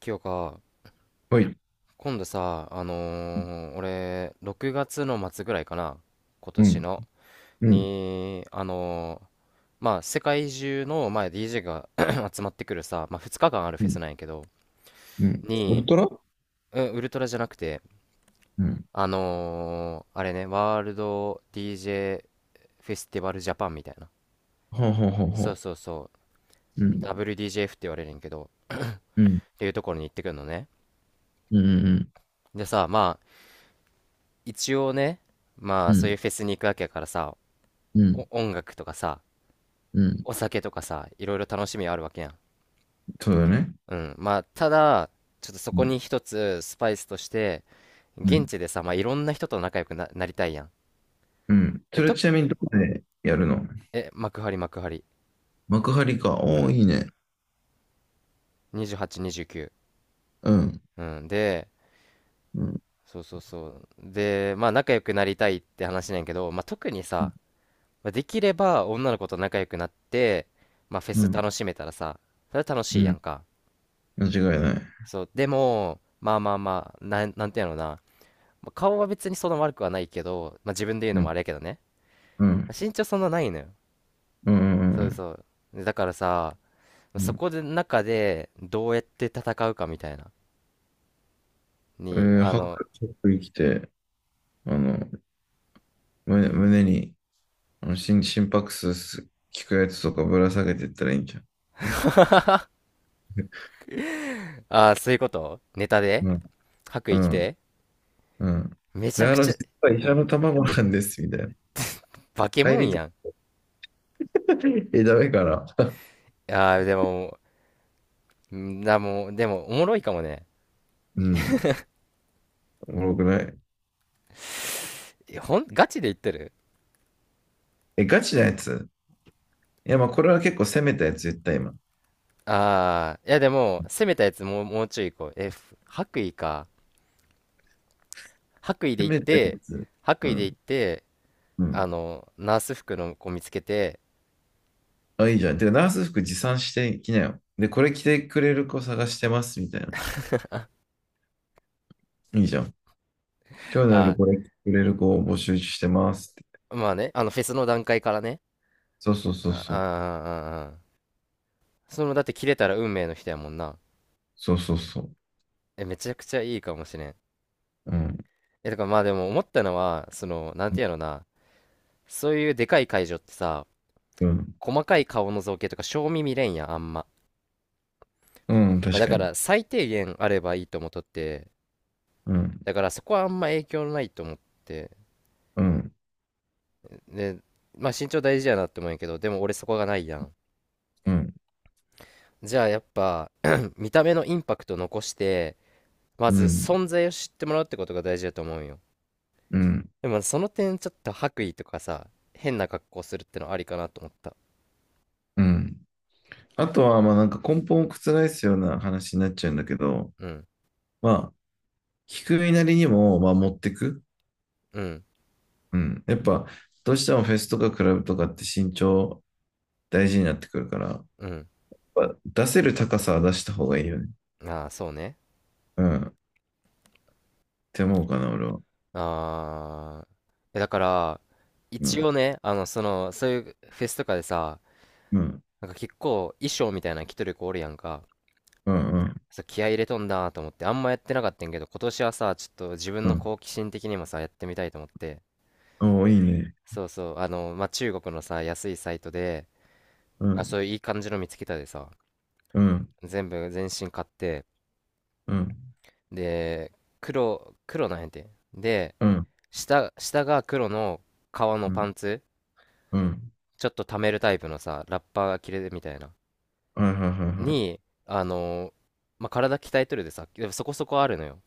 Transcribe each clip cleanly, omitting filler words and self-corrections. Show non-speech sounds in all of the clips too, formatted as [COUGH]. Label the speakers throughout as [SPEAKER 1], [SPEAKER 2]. [SPEAKER 1] 清か、
[SPEAKER 2] はい。
[SPEAKER 1] 今度さ、俺、6月の末ぐらいかな、今
[SPEAKER 2] う
[SPEAKER 1] 年
[SPEAKER 2] ん、
[SPEAKER 1] の、
[SPEAKER 2] うん、
[SPEAKER 1] に、あのーまあ、世界中の、まあ、DJ が [CLEARS THROAT] 集まってくるさ、まあ、2日間ある
[SPEAKER 2] う
[SPEAKER 1] フェス
[SPEAKER 2] ん、
[SPEAKER 1] なんやけど、
[SPEAKER 2] うん。ウ
[SPEAKER 1] に、
[SPEAKER 2] ルトラ。
[SPEAKER 1] うん、ウルトラじゃなくて、
[SPEAKER 2] うん。
[SPEAKER 1] あれね、ワールド DJ フェスティバルジャパンみたいな。
[SPEAKER 2] はあ、はあはあ
[SPEAKER 1] そ
[SPEAKER 2] は
[SPEAKER 1] う
[SPEAKER 2] あ。
[SPEAKER 1] そうそう、
[SPEAKER 2] うん、
[SPEAKER 1] WDJF って言われるんやけど、
[SPEAKER 2] うん、
[SPEAKER 1] っていうところに行ってくるのね。
[SPEAKER 2] うん、うん、
[SPEAKER 1] でさ、まあ、一応ね、ま
[SPEAKER 2] う
[SPEAKER 1] あ、そういう
[SPEAKER 2] ん、
[SPEAKER 1] フェスに行くわけやからさ、
[SPEAKER 2] うん、
[SPEAKER 1] お音楽とかさ、
[SPEAKER 2] うん。
[SPEAKER 1] お酒とかさ、いろいろ楽しみあるわけやん。
[SPEAKER 2] そうだね。
[SPEAKER 1] うん。まあ、ただ、ちょっとそ
[SPEAKER 2] う
[SPEAKER 1] こ
[SPEAKER 2] ん、
[SPEAKER 1] に一つスパイスとして、
[SPEAKER 2] う
[SPEAKER 1] 現
[SPEAKER 2] ん、
[SPEAKER 1] 地でさ、まあ、いろんな人と仲良くな、なりたいやん。
[SPEAKER 2] うん。
[SPEAKER 1] で、
[SPEAKER 2] それちなみにどこでやるの？
[SPEAKER 1] 幕張、幕張。
[SPEAKER 2] 幕張か。
[SPEAKER 1] う
[SPEAKER 2] おお、
[SPEAKER 1] ん。
[SPEAKER 2] いいね。
[SPEAKER 1] 28、
[SPEAKER 2] うん、
[SPEAKER 1] 29。うん。で、
[SPEAKER 2] うん、
[SPEAKER 1] そうそうそう。で、まあ、仲良くなりたいって話なんやけど、まあ、特にさ、まあできれば女の子と仲良くなって、まあ、フェ
[SPEAKER 2] う
[SPEAKER 1] ス
[SPEAKER 2] ん、
[SPEAKER 1] 楽しめたらさ、それは楽
[SPEAKER 2] う
[SPEAKER 1] しいや
[SPEAKER 2] ん。
[SPEAKER 1] んか。
[SPEAKER 2] 間違いない。
[SPEAKER 1] そう。でも、まあまあまあ、なんていうのな。まあ顔は別にそんな悪くはないけど、まあ、自分で言う
[SPEAKER 2] う
[SPEAKER 1] のも
[SPEAKER 2] ん、
[SPEAKER 1] あれやけどね。
[SPEAKER 2] うん、
[SPEAKER 1] まあ身長そんなないのよ。
[SPEAKER 2] うん、うん、う
[SPEAKER 1] そう
[SPEAKER 2] ん。
[SPEAKER 1] そう。だからさ、
[SPEAKER 2] う
[SPEAKER 1] そ
[SPEAKER 2] ん、
[SPEAKER 1] こで中でどうやって戦うかみたいな。に、あ
[SPEAKER 2] 白、
[SPEAKER 1] の、
[SPEAKER 2] 白着て、あの、胸に、あの、心拍数聞くやつとかぶら下げてったらいいんじゃん。
[SPEAKER 1] ああ、そういうことネタで
[SPEAKER 2] うん、
[SPEAKER 1] 白
[SPEAKER 2] う
[SPEAKER 1] 衣着
[SPEAKER 2] ん。
[SPEAKER 1] て
[SPEAKER 2] うん。
[SPEAKER 1] めち
[SPEAKER 2] だ
[SPEAKER 1] ゃ
[SPEAKER 2] か
[SPEAKER 1] く
[SPEAKER 2] ら
[SPEAKER 1] ちゃ、
[SPEAKER 2] 実は医
[SPEAKER 1] う
[SPEAKER 2] 者
[SPEAKER 1] ん、
[SPEAKER 2] の卵なんです、みたいな。
[SPEAKER 1] バケ
[SPEAKER 2] 帰
[SPEAKER 1] モ
[SPEAKER 2] り
[SPEAKER 1] ン
[SPEAKER 2] と。
[SPEAKER 1] やん。
[SPEAKER 2] [LAUGHS] え、ダメから。
[SPEAKER 1] ああ、でも、もう、でも、おもろいかもね。
[SPEAKER 2] うん。おもろくない。
[SPEAKER 1] えほん、ガチで言ってる？
[SPEAKER 2] え、ガチなやつ？いや、まあ、これは結構攻めたやつ、絶対今。
[SPEAKER 1] ああ、いやでも、攻めたやつ、もうちょい行こう。え、白衣か。白衣で
[SPEAKER 2] 攻
[SPEAKER 1] 行っ
[SPEAKER 2] めたや
[SPEAKER 1] て、
[SPEAKER 2] つ。
[SPEAKER 1] 白
[SPEAKER 2] う
[SPEAKER 1] 衣で行っ
[SPEAKER 2] ん。
[SPEAKER 1] て、
[SPEAKER 2] う
[SPEAKER 1] あ
[SPEAKER 2] ん。
[SPEAKER 1] の、ナース服の子見つけて、
[SPEAKER 2] あ、いいじゃん。で、ナース服持参してきなよ。で、これ着てくれる子探してます、みたいな。いいじゃん。今日の夜
[SPEAKER 1] あ、
[SPEAKER 2] これ着てくれる子を募集してますって。
[SPEAKER 1] まあね、あの、フェスの段階からね、
[SPEAKER 2] そうそうそう
[SPEAKER 1] ああ、
[SPEAKER 2] そう。
[SPEAKER 1] ああ、あその、だって切れたら運命の人やもんな。
[SPEAKER 2] そうそうそう。
[SPEAKER 1] え、めちゃくちゃいいかもしれん。
[SPEAKER 2] うん。
[SPEAKER 1] え、だからまあでも思ったのは、その、なんていうのな、そういうでかい会場ってさ、
[SPEAKER 2] うん。
[SPEAKER 1] 細かい顔の造形とか、正味見れんやん、あんま。
[SPEAKER 2] うん、
[SPEAKER 1] まあ
[SPEAKER 2] 確
[SPEAKER 1] だ
[SPEAKER 2] か
[SPEAKER 1] か
[SPEAKER 2] に。
[SPEAKER 1] ら最低限あればいいと思っとって、
[SPEAKER 2] うん。
[SPEAKER 1] だからそこはあんま影響ないと思って、
[SPEAKER 2] うん。
[SPEAKER 1] で、まあ身長大事やなって思うんやけど、でも俺そこがないやん。
[SPEAKER 2] うん。
[SPEAKER 1] じゃあやっぱ [CLEARS THROAT] 見た目のインパクト残して、ま
[SPEAKER 2] う
[SPEAKER 1] ず
[SPEAKER 2] ん。
[SPEAKER 1] 存在を知ってもらうってことが大事だと思うよ。
[SPEAKER 2] うん。
[SPEAKER 1] でもその点ちょっと白衣とかさ、変な格好するってのありかなと思った。
[SPEAKER 2] うん。あとは、まあなんか根本を覆すような話になっちゃうんだけど、
[SPEAKER 1] うん、
[SPEAKER 2] まあ、聞く身なりにも、まあ持ってく。
[SPEAKER 1] うん、
[SPEAKER 2] うん。やっぱ、どうしてもフェスとかクラブとかって身長大事になってくるから、やっ
[SPEAKER 1] うん。
[SPEAKER 2] ぱ出せる高さは出した方がいいよね。
[SPEAKER 1] ああー、そうね。
[SPEAKER 2] うん。って思うかな、俺は。
[SPEAKER 1] ああー。え、だから
[SPEAKER 2] う
[SPEAKER 1] 一
[SPEAKER 2] ん。
[SPEAKER 1] 応ね、そういうフェスとかでさ、
[SPEAKER 2] うん。
[SPEAKER 1] なんか結構衣装みたいなの着とる子おるやんか。
[SPEAKER 2] うん。うん。
[SPEAKER 1] そう、気合い入れとんだと思ってあんまやってなかったんやけど、今年はさちょっと自分
[SPEAKER 2] う
[SPEAKER 1] の
[SPEAKER 2] ん。
[SPEAKER 1] 好奇心的にもさやってみたいと思って。
[SPEAKER 2] おお、いいね。
[SPEAKER 1] そうそう、あの、まあ、中国のさ、安いサイトで、
[SPEAKER 2] う
[SPEAKER 1] あ、
[SPEAKER 2] ん。
[SPEAKER 1] そういういい感じの見つけたでさ、
[SPEAKER 2] うん。
[SPEAKER 1] 全部全身買って、
[SPEAKER 2] うん。
[SPEAKER 1] で、黒なんやて。で、
[SPEAKER 2] うん。
[SPEAKER 1] 下が黒の革の
[SPEAKER 2] う
[SPEAKER 1] パ
[SPEAKER 2] ん。
[SPEAKER 1] ンツ、
[SPEAKER 2] うん。
[SPEAKER 1] ちょっと溜めるタイプのさ、ラッパーが着れるみたいな、
[SPEAKER 2] はいはいは
[SPEAKER 1] に、あの、まあ、体鍛えとるでさ、でもそこそこあるのよ。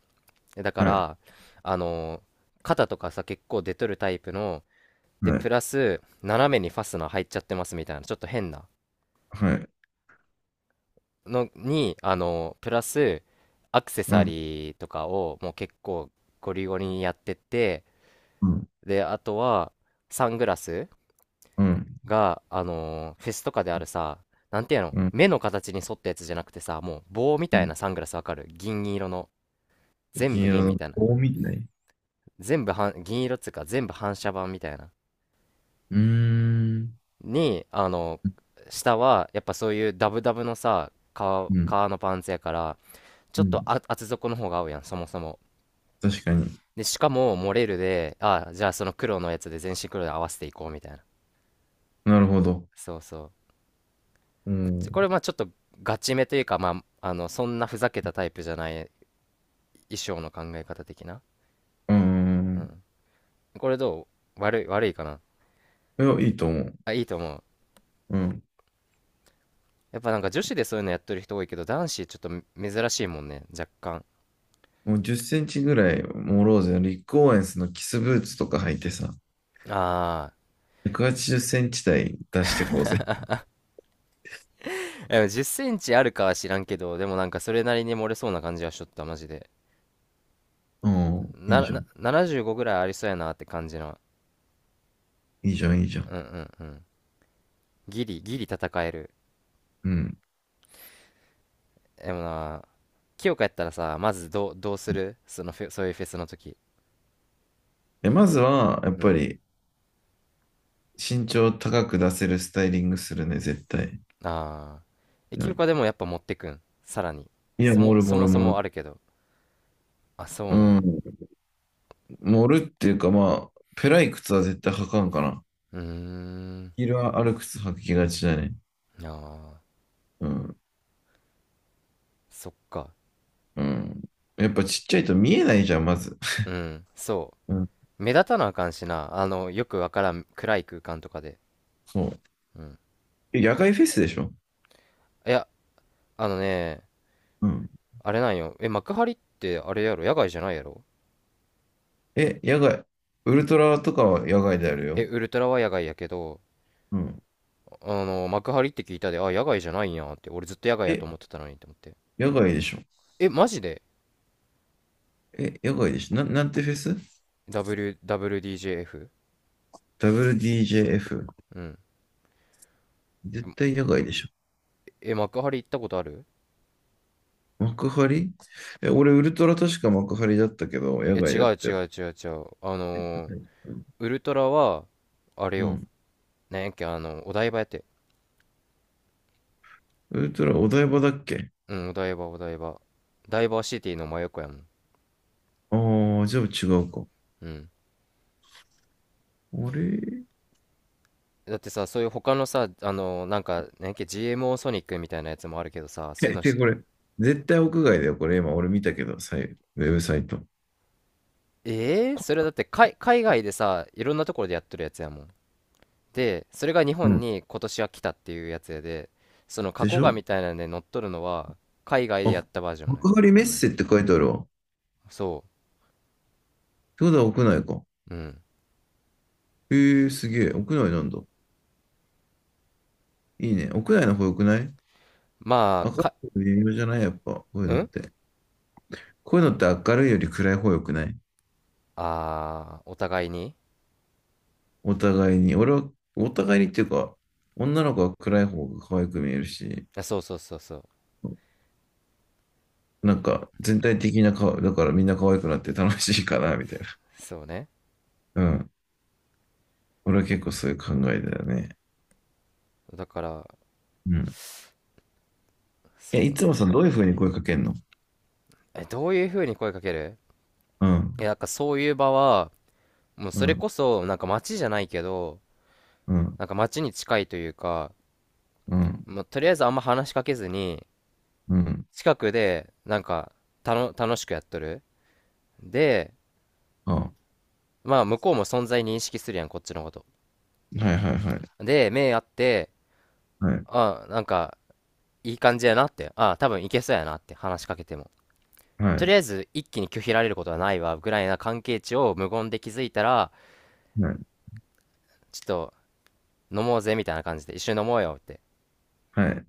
[SPEAKER 1] だか
[SPEAKER 2] いはい。はい。
[SPEAKER 1] ら、あの、肩とかさ、結構出とるタイプの、で、
[SPEAKER 2] はい。
[SPEAKER 1] プラス、斜めにファスナー入っちゃってますみたいな、ちょっと変な。
[SPEAKER 2] はい。
[SPEAKER 1] のに、あの、プラス、アクセ
[SPEAKER 2] う
[SPEAKER 1] サ
[SPEAKER 2] ん。
[SPEAKER 1] リーとかをもう結構ゴリゴリにやってて、
[SPEAKER 2] うん。
[SPEAKER 1] で、あとは、サングラス
[SPEAKER 2] うん。
[SPEAKER 1] が、フェスとかであるさ、なんていうの、
[SPEAKER 2] うん。
[SPEAKER 1] 目の形に沿ったやつじゃなくてさ、もう棒み
[SPEAKER 2] う
[SPEAKER 1] たい
[SPEAKER 2] ん、
[SPEAKER 1] なサングラス、わかる？銀色の。全
[SPEAKER 2] 銀
[SPEAKER 1] 部
[SPEAKER 2] 色
[SPEAKER 1] 銀み
[SPEAKER 2] の
[SPEAKER 1] たいな。
[SPEAKER 2] 棒みたい。
[SPEAKER 1] 全部反銀色っつうか、全部反射板みたいな。
[SPEAKER 2] うーん。
[SPEAKER 1] に、あの下は、やっぱそういうダブダブのさ、
[SPEAKER 2] うん。
[SPEAKER 1] 革のパンツやから、ち
[SPEAKER 2] う
[SPEAKER 1] ょっと
[SPEAKER 2] ん。
[SPEAKER 1] 厚底の方が合うやん、そもそも。
[SPEAKER 2] 確かに。
[SPEAKER 1] で、しかも、モレルで、ああ、じゃあその黒のやつで全身黒で合わせていこうみたいな。
[SPEAKER 2] なるほど。
[SPEAKER 1] そうそ
[SPEAKER 2] う
[SPEAKER 1] う。これ、
[SPEAKER 2] ん。
[SPEAKER 1] まあちょっとガチめというか、まあ、あの、そんなふざけたタイプじゃない衣装の考え方的な。
[SPEAKER 2] う
[SPEAKER 1] う
[SPEAKER 2] ん。
[SPEAKER 1] ん。これどう、悪いかな？
[SPEAKER 2] いや、いいと思う。
[SPEAKER 1] あ、いいと思う。
[SPEAKER 2] うん。
[SPEAKER 1] やっぱなんか女子でそういうのやってる人多いけど、男子ちょっと珍しいもんね、若干。
[SPEAKER 2] もう10センチぐらい、モローゼのリック・オーエンスのキスブーツとか履いてさ、
[SPEAKER 1] あ
[SPEAKER 2] 180センチ台出してこうぜ。
[SPEAKER 1] あ、でも10センチあるかは知らんけど、でもなんかそれなりに漏れそうな感じはしとった、マジで。
[SPEAKER 2] うん。い
[SPEAKER 1] な、
[SPEAKER 2] いじゃ
[SPEAKER 1] な
[SPEAKER 2] ん。
[SPEAKER 1] 75ぐらいありそうやなって感じの。
[SPEAKER 2] いいじゃん、いいじゃ
[SPEAKER 1] う
[SPEAKER 2] ん。
[SPEAKER 1] ん、うん、うん。ギリ戦える。
[SPEAKER 2] うん。
[SPEAKER 1] でもな、清香やったらさ、まずどうする、そのフェそういうフェスの時。
[SPEAKER 2] え、まずは、やっ
[SPEAKER 1] う
[SPEAKER 2] ぱ
[SPEAKER 1] ん。
[SPEAKER 2] り、身長高く出せるスタイリングするね、絶対。
[SPEAKER 1] ああ。え、
[SPEAKER 2] う
[SPEAKER 1] 清
[SPEAKER 2] ん。
[SPEAKER 1] 香でもやっぱ持ってくん？さらに。
[SPEAKER 2] いや、盛る
[SPEAKER 1] そ
[SPEAKER 2] 盛
[SPEAKER 1] も
[SPEAKER 2] る
[SPEAKER 1] そ
[SPEAKER 2] 盛
[SPEAKER 1] もあ
[SPEAKER 2] る。
[SPEAKER 1] るけど。あ、そ
[SPEAKER 2] う
[SPEAKER 1] うなんや。
[SPEAKER 2] ん。盛るっていうか、まあ、ペライ靴は絶対履かんかな。
[SPEAKER 1] うーん。
[SPEAKER 2] ヒールはある靴履きがちだね。
[SPEAKER 1] ああ、
[SPEAKER 2] うん。
[SPEAKER 1] そっか。
[SPEAKER 2] うん。やっぱちっちゃいと見えないじゃん、まず。
[SPEAKER 1] うん、そ
[SPEAKER 2] うん。
[SPEAKER 1] う。目立たなあかんしな。あの、よくわからん暗い空間とかで。
[SPEAKER 2] そう。
[SPEAKER 1] うん。
[SPEAKER 2] え、野外フェスでしょ？
[SPEAKER 1] いや、あのね、
[SPEAKER 2] うん。
[SPEAKER 1] あれなんよ。え、幕張ってあれやろ、野外じゃないやろ？
[SPEAKER 2] え、野外。ウルトラとかは野外である
[SPEAKER 1] え、
[SPEAKER 2] よ。
[SPEAKER 1] ウルトラは野外やけど、
[SPEAKER 2] うん。
[SPEAKER 1] あの、幕張って聞いたで、あ、野外じゃないんやって、俺ずっと野外やと
[SPEAKER 2] え、
[SPEAKER 1] 思ってたのにって思って。
[SPEAKER 2] 野外でしょ？
[SPEAKER 1] え、マジで
[SPEAKER 2] え、野外でしょ？なんてフェス？
[SPEAKER 1] ?W、WDJF?
[SPEAKER 2] WDJF？
[SPEAKER 1] うん。
[SPEAKER 2] 絶対野外でしょ？
[SPEAKER 1] え、幕張行ったことある？
[SPEAKER 2] 幕張？え、俺、ウルトラ確か幕張だったけど、野
[SPEAKER 1] え、
[SPEAKER 2] 外
[SPEAKER 1] 違
[SPEAKER 2] だっ
[SPEAKER 1] う
[SPEAKER 2] た
[SPEAKER 1] 違
[SPEAKER 2] よ。
[SPEAKER 1] う違う違う。あのー
[SPEAKER 2] うん。
[SPEAKER 1] ウルトラは、あれ
[SPEAKER 2] う
[SPEAKER 1] よ。
[SPEAKER 2] ん、
[SPEAKER 1] なんやっけ、あの、お台場やって。
[SPEAKER 2] ウルトラお台場だっけ？
[SPEAKER 1] うん、お台場、お台場。ダイバーシティの真横やもん。
[SPEAKER 2] ああー、じゃあ違うか。
[SPEAKER 1] うん。
[SPEAKER 2] あれ
[SPEAKER 1] だってさ、そういう他のさ、あのーなんか、なんやっけ、GMO ソニックみたいなやつもあるけどさ、そういう
[SPEAKER 2] え、
[SPEAKER 1] の
[SPEAKER 2] で、
[SPEAKER 1] し、
[SPEAKER 2] これ、絶対屋外だよ。これ今、俺見たけど、さいウェブサイト。
[SPEAKER 1] えー、それだって海外でさ、いろんなところでやってるやつやもん。でそれが日
[SPEAKER 2] う
[SPEAKER 1] 本
[SPEAKER 2] ん。
[SPEAKER 1] に今年は来たっていうやつやで、その過
[SPEAKER 2] でし
[SPEAKER 1] 去画
[SPEAKER 2] ょ？
[SPEAKER 1] みたいなんで乗っとるのは海外でや
[SPEAKER 2] あ、
[SPEAKER 1] ったバージョンね。
[SPEAKER 2] 幕張メッセって書いてあるわ。っ
[SPEAKER 1] そ
[SPEAKER 2] てことは屋内か。
[SPEAKER 1] う、うん、
[SPEAKER 2] へえ、すげえ。屋内なんだ。いいね。屋内の方良くない？
[SPEAKER 1] まあ
[SPEAKER 2] 明る
[SPEAKER 1] か、
[SPEAKER 2] いの微妙じゃない？やっぱ。こういう
[SPEAKER 1] う
[SPEAKER 2] のっ
[SPEAKER 1] ん、
[SPEAKER 2] て。こういうのって明るいより暗い方良くない？
[SPEAKER 1] あー、お互いに。
[SPEAKER 2] お互いに。俺は、お互いにっていうか、女の子は暗い方が可愛く見えるし、
[SPEAKER 1] あ、そうそうそうそう、
[SPEAKER 2] なんか全体的な顔、だからみんな可愛くなって楽しいかな、みたいな。
[SPEAKER 1] そうね。
[SPEAKER 2] うん。俺は結構そういう考えだよね。
[SPEAKER 1] だから、
[SPEAKER 2] うん。え、い
[SPEAKER 1] そう
[SPEAKER 2] つもそのど
[SPEAKER 1] ね。
[SPEAKER 2] ういうふうに声かけんの？
[SPEAKER 1] え、どういう風に声かける？
[SPEAKER 2] う
[SPEAKER 1] い
[SPEAKER 2] ん、
[SPEAKER 1] や、なんかそういう場は、もう
[SPEAKER 2] う
[SPEAKER 1] それ
[SPEAKER 2] ん、
[SPEAKER 1] こそなんか街じゃないけど、
[SPEAKER 2] うん、
[SPEAKER 1] なんか街に近いというか、
[SPEAKER 2] うん、
[SPEAKER 1] もうとりあえずあんま話しかけずに、
[SPEAKER 2] うん。
[SPEAKER 1] 近くでなんか楽しくやっとる。で、
[SPEAKER 2] あ、は
[SPEAKER 1] まあ、向こうも存在認識するやん、こっちのこと。
[SPEAKER 2] いはいはい。
[SPEAKER 1] で、目合って、
[SPEAKER 2] はい、
[SPEAKER 1] あ、なんか、いい感じやなって、あ、多分いけそうやなって話しかけても。
[SPEAKER 2] は
[SPEAKER 1] と
[SPEAKER 2] い、
[SPEAKER 1] りあえず、一気に拒否られることはないわ、ぐらいな関係値を無言で気づいたら、
[SPEAKER 2] はい、
[SPEAKER 1] ちょっと、飲もうぜ、みたいな感じで、一緒に飲もうよって、
[SPEAKER 2] はい。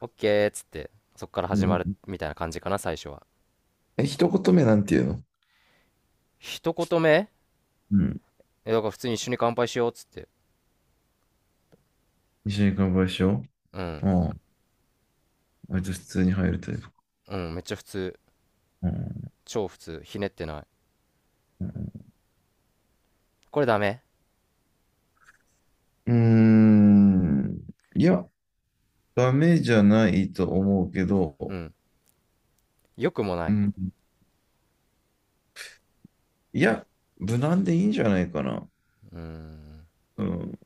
[SPEAKER 1] オッケーっつって、そっから
[SPEAKER 2] う
[SPEAKER 1] 始まる、
[SPEAKER 2] ん、
[SPEAKER 1] みたいな感じかな、最初は。
[SPEAKER 2] え、一言目なんていうの？
[SPEAKER 1] 一言目、
[SPEAKER 2] うん。
[SPEAKER 1] え、だから普通に一緒に乾杯しようっつって。
[SPEAKER 2] 一緒に乾杯しよ
[SPEAKER 1] う
[SPEAKER 2] う。
[SPEAKER 1] ん。
[SPEAKER 2] ああ、割と普通に入るタイプか。
[SPEAKER 1] うん、めっちゃ普通。
[SPEAKER 2] うん。
[SPEAKER 1] 超普通。ひねってない。
[SPEAKER 2] うん。
[SPEAKER 1] これダメ？
[SPEAKER 2] うーん。いや、ダメじゃないと思うけ
[SPEAKER 1] う
[SPEAKER 2] ど、
[SPEAKER 1] ん。良くもな
[SPEAKER 2] う
[SPEAKER 1] い。
[SPEAKER 2] ん。いや、無難でいいんじゃないかな。
[SPEAKER 1] うーん。
[SPEAKER 2] うん。